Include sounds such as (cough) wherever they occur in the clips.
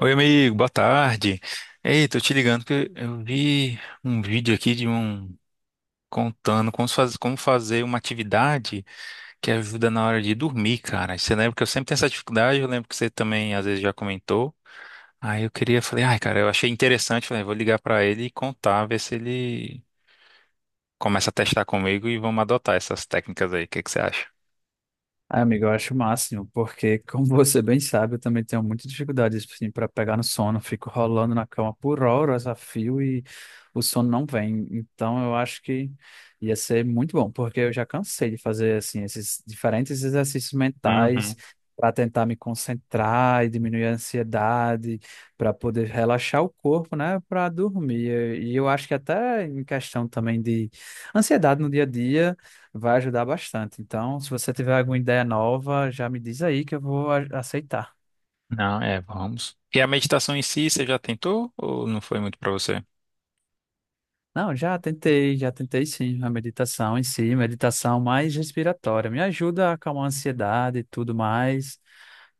Oi, amigo, boa tarde. Ei, tô te ligando porque eu vi um vídeo aqui de um contando como se faz- como fazer uma atividade que ajuda na hora de dormir, cara. Você lembra que eu sempre tenho essa dificuldade, eu lembro que você também às vezes já comentou. Aí eu queria, falei, ai, cara, eu achei interessante, falei, vou ligar pra ele e contar, ver se ele começa a testar comigo e vamos adotar essas técnicas aí. O que que você acha? Ah, amigo, eu acho o máximo, porque, como (laughs) você bem sabe, eu também tenho muita dificuldade assim, para pegar no sono. Fico rolando na cama por horas a fio e o sono não vem. Então, eu acho que ia ser muito bom, porque eu já cansei de fazer assim esses diferentes exercícios mentais Uhum. para tentar me concentrar e diminuir a ansiedade, para poder relaxar o corpo, né, para dormir. E eu acho que até em questão também de ansiedade no dia a dia vai ajudar bastante. Então, se você tiver alguma ideia nova, já me diz aí que eu vou aceitar. Não, é, vamos. E a meditação em si, você já tentou ou não foi muito pra você? Não, já tentei sim, a meditação em si, meditação mais respiratória. Me ajuda a acalmar a ansiedade e tudo mais.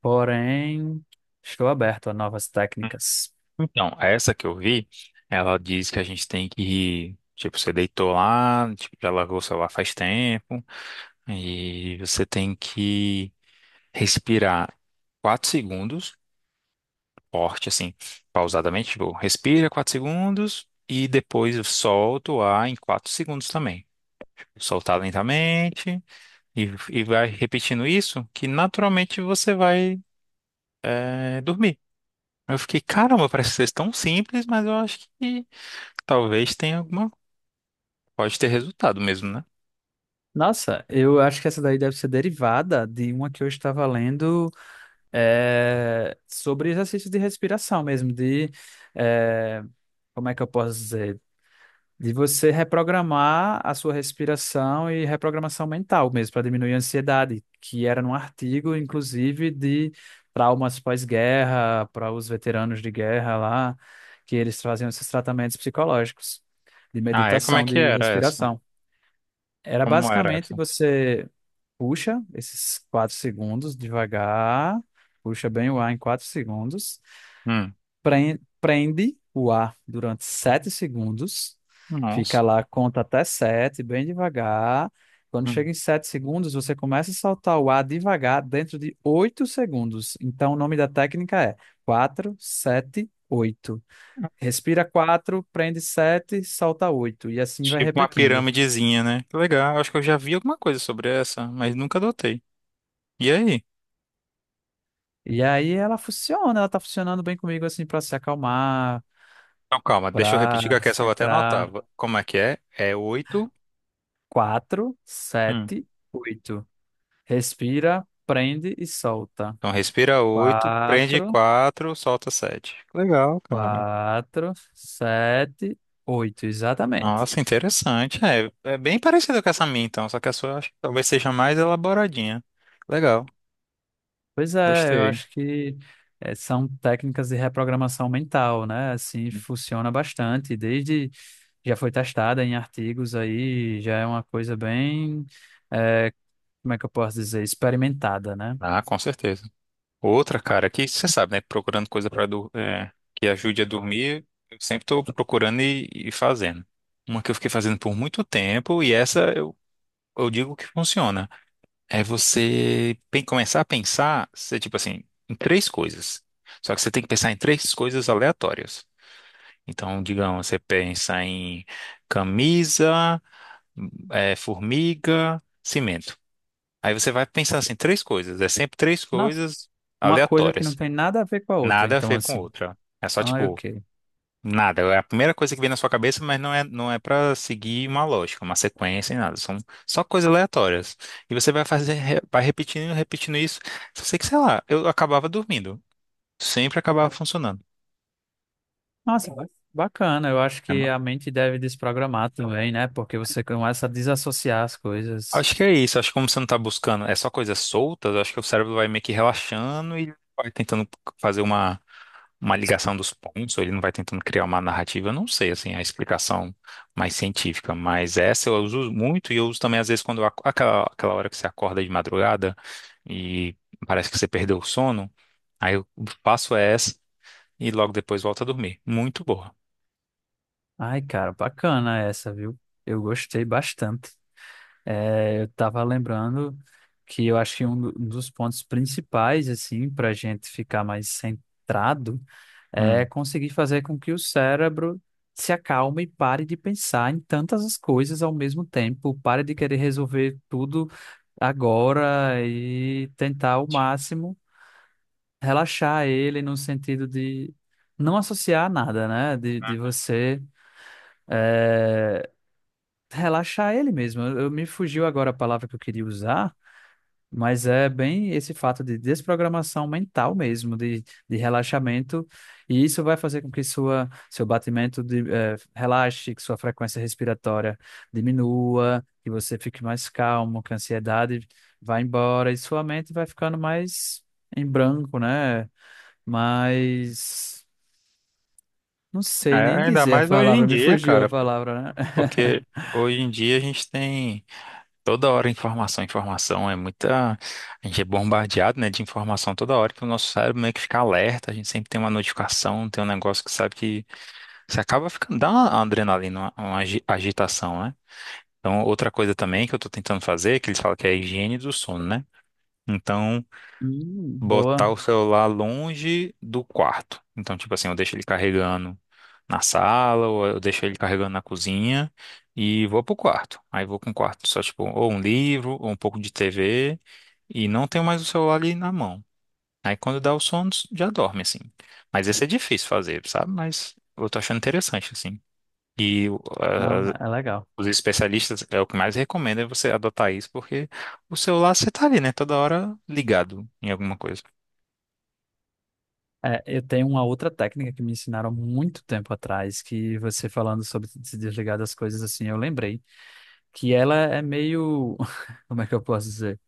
Porém, estou aberto a novas técnicas. Então, essa que eu vi, ela diz que a gente tem que, tipo, você deitou lá, tipo, já largou o celular faz tempo, e você tem que respirar 4 segundos, forte, assim, pausadamente, tipo, respira 4 segundos e depois solta o ar em 4 segundos também. Soltar lentamente e, e vai repetindo isso, que naturalmente você vai, dormir. Eu fiquei, caramba, parece ser tão simples, mas eu acho que talvez tenha alguma. Pode ter resultado mesmo, né? Nossa, eu acho que essa daí deve ser derivada de uma que eu estava lendo sobre exercícios de respiração mesmo, de eh, como é que eu posso dizer? De você reprogramar a sua respiração e reprogramação mental mesmo, para diminuir a ansiedade, que era num artigo, inclusive, de traumas pós-guerra, para os veteranos de guerra lá, que eles faziam esses tratamentos psicológicos, de Ah, é? Como é meditação, que de era essa? respiração. Era Como era basicamente essa? você puxa esses 4 segundos devagar, puxa bem o ar em 4 segundos, Hum. Prende o ar durante 7 segundos. Fica Nossa. lá, conta até 7 bem devagar. Quando Hum. chega em 7 segundos, você começa a soltar o ar devagar dentro de 8 segundos. Então, o nome da técnica é 4, 7, 8. Respira 4, prende 7, solta oito. E assim vai Tipo uma repetindo. piramidezinha, né? Que legal. Acho que eu já vi alguma coisa sobre essa, mas nunca adotei. E aí? E aí ela funciona, ela tá funcionando bem comigo assim para se acalmar, Então, calma, deixa eu para repetir que aqui essa eu vou até centrar. anotar. Como é que é? É oito. 4, Hum. sete, 8. Respira, prende e solta. Então, respira oito, prende Quatro, quatro, solta sete. Legal, cara. quatro, sete, oito, exatamente. Nossa, interessante. É, é bem parecido com essa minha, então, só que a sua eu acho que talvez seja mais elaboradinha. Legal, Pois é, eu gostei. acho que são técnicas de reprogramação mental, né? Assim, funciona bastante. Desde já foi testada em artigos aí, já é uma coisa bem, eh, como é que eu posso dizer, experimentada, né? Ah, com certeza. Outra, cara, que você sabe, né? Procurando coisa para que ajude a dormir, eu sempre estou procurando e fazendo. Uma que eu fiquei fazendo por muito tempo, e essa eu digo que funciona. É você começar a pensar, você, tipo assim, em três coisas. Só que você tem que pensar em três coisas aleatórias. Então, digamos, você pensa em camisa, formiga, cimento. Aí você vai pensar assim, três coisas. É sempre três Nossa, coisas uma coisa que não aleatórias. tem nada a ver com a outra, Nada a então ver com assim. outra. É só Ah, tipo, ok. nada. É a primeira coisa que vem na sua cabeça, mas não é para seguir uma lógica, uma sequência e nada. São só coisas aleatórias. E você vai fazer, vai repetindo isso. Só sei que, sei lá, eu acabava dormindo. Sempre acabava funcionando. Nossa, bacana. Eu acho É que uma- a mente deve desprogramar também, né? Porque você começa a desassociar as coisas. acho que é isso. Acho que como você não tá buscando, é só coisas soltas, acho que o cérebro vai meio que relaxando e vai tentando fazer uma. Uma ligação dos pontos, ou ele não vai tentando criar uma narrativa, eu não sei, assim, a explicação mais científica, mas essa eu uso muito e eu uso também às vezes quando aquela, aquela hora que você acorda de madrugada e parece que você perdeu o sono, aí eu faço essa e logo depois volto a dormir. Muito boa. Ai, cara, bacana essa, viu? Eu gostei bastante. É, eu tava lembrando que eu acho que um dos pontos principais, assim, pra gente ficar mais centrado é Hum. conseguir fazer com que o cérebro se acalme e pare de pensar em tantas as coisas ao mesmo tempo, pare de querer resolver tudo agora e tentar o máximo relaxar ele no sentido de não associar nada, né? De você eh, relaxar ele mesmo. Me fugiu agora a palavra que eu queria usar, mas é bem esse fato de desprogramação mental mesmo, de relaxamento, e isso vai fazer com que sua, seu batimento de, relaxe, que sua frequência respiratória diminua, que você fique mais calmo, que a ansiedade vai embora e sua mente vai ficando mais em branco, né? Mas não É, sei nem ainda dizer a mais hoje em palavra, me dia, fugiu a cara, palavra, né? porque (laughs) hoje em dia a gente tem. Toda hora informação, informação é muita. A gente é bombardeado, né, de informação toda hora que o nosso cérebro meio que fica alerta. A gente sempre tem uma notificação, tem um negócio que sabe que você acaba ficando. Dá uma adrenalina, uma agitação, né? Então, outra coisa também que eu tô tentando fazer, que eles falam que é a higiene do sono, né? Então boa. botar o celular longe do quarto. Então, tipo assim, eu deixo ele carregando na sala, ou eu deixo ele carregando na cozinha e vou pro quarto. Aí vou com o quarto só, tipo, ou um livro, ou um pouco de TV, e não tenho mais o celular ali na mão. Aí quando dá o sono, já dorme, assim. Mas esse é difícil fazer, sabe? Mas eu tô achando interessante, assim. E Não, é legal. os especialistas, é o que mais recomendo é você adotar isso, porque o celular você tá ali, né? Toda hora ligado em alguma coisa. É, eu tenho uma outra técnica que me ensinaram há muito tempo atrás, que você falando sobre se desligar das coisas assim, eu lembrei que ela é meio, (laughs) como é que eu posso dizer?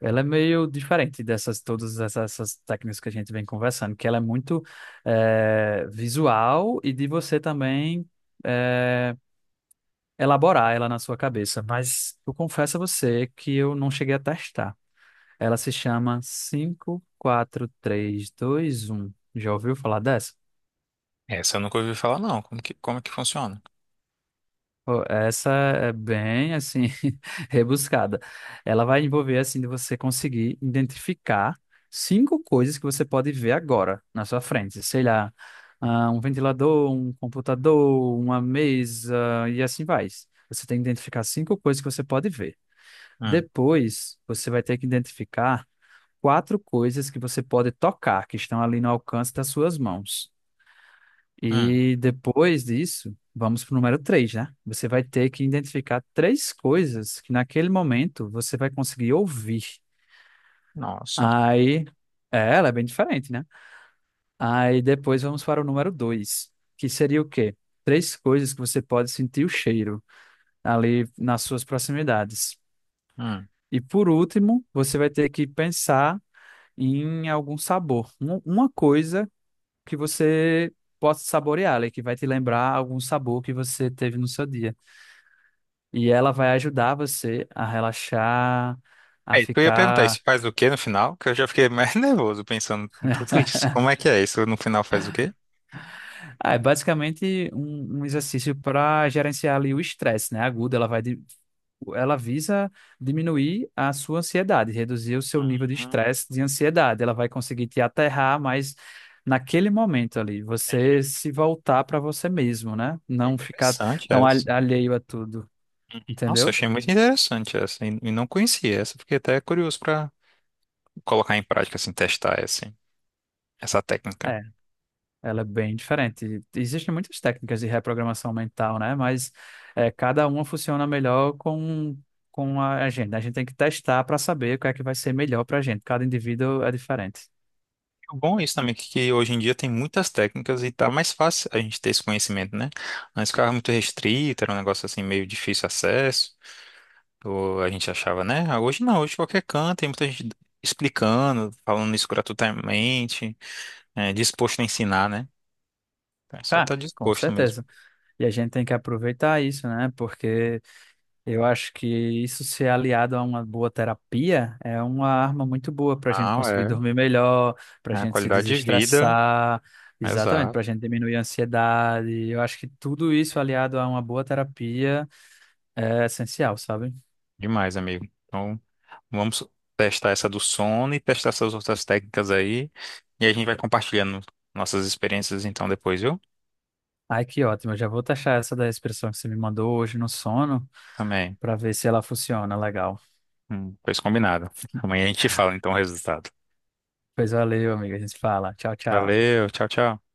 Ela é meio diferente dessas todas essas, técnicas que a gente vem conversando, que ela é muito visual e de você também eh, elaborar ela na sua cabeça, mas eu confesso a você que eu não cheguei a testar. Ela se chama cinco, quatro, três, dois, um. Já ouviu falar dessa? Essa eu nunca ouvi falar, não. Como que funciona? Pô, essa é bem assim (laughs) rebuscada. Ela vai envolver assim de você conseguir identificar cinco coisas que você pode ver agora na sua frente. Sei lá, ah, um ventilador, um computador, uma mesa e assim vai. Você tem que identificar cinco coisas que você pode ver. Hum, Depois, você vai ter que identificar quatro coisas que você pode tocar, que estão ali no alcance das suas mãos. hum, E depois disso, vamos para o número três, né? Você vai ter que identificar três coisas que naquele momento você vai conseguir ouvir. nossa. Aí, é, ela é bem diferente, né? Aí depois vamos para o número dois, que seria o quê? Três coisas que você pode sentir o cheiro ali nas suas proximidades. Hum. E por último, você vai ter que pensar em algum sabor. Uma coisa que você possa saborear, ali, que vai te lembrar algum sabor que você teve no seu dia. E ela vai ajudar você a relaxar, É, a isso que eu ia perguntar, ficar. isso faz o quê no final? Que eu já fiquei mais (laughs) nervoso pensando em tudo isso. Como é que é isso? No final faz o quê? Ah, é basicamente um exercício para gerenciar ali o estresse, né? Agudo, ela visa diminuir a sua ansiedade, reduzir o seu nível de Hum, estresse, de ansiedade. Ela vai conseguir te aterrar, mas naquele momento ali, você se voltar para você mesmo, né? Não ficar interessante tão essa. alheio a tudo, Nossa, entendeu? achei muito interessante essa. E não conhecia essa. Fiquei até curioso pra colocar em prática, assim, testar essa. Essa técnica. É, ela é bem diferente. Existem muitas técnicas de reprogramação mental, né? Mas é, cada uma funciona melhor com a gente. A gente tem que testar para saber o que é que vai ser melhor para a gente. Cada indivíduo é diferente. O bom é isso também, que hoje em dia tem muitas técnicas e tá mais fácil a gente ter esse conhecimento, né? Antes ficava muito restrito, era um negócio assim meio difícil de acesso, ou a gente achava, né? Ah, hoje não, hoje qualquer canto, tem muita gente explicando, falando isso gratuitamente, é, disposto a ensinar, né? Então, é só Ah, estar com disposto mesmo. certeza. E a gente tem que aproveitar isso, né? Porque eu acho que isso ser aliado a uma boa terapia é uma arma muito boa para a gente Não, conseguir é. dormir melhor, para a É a gente se qualidade de vida, desestressar, exatamente, exato. para a gente diminuir a ansiedade. Eu acho que tudo isso aliado a uma boa terapia é essencial, sabe? Demais, amigo. Então, vamos testar essa do sono e testar essas outras técnicas aí. E a gente vai compartilhando nossas experiências então depois, viu? Ai, que ótimo. Eu já vou taxar essa da expressão que você me mandou hoje no sono Também. para ver se ela funciona legal. Pois combinado. Amanhã a gente fala então o resultado. Pois valeu, amiga. A gente fala. Tchau, tchau. Valeu, tchau, tchau.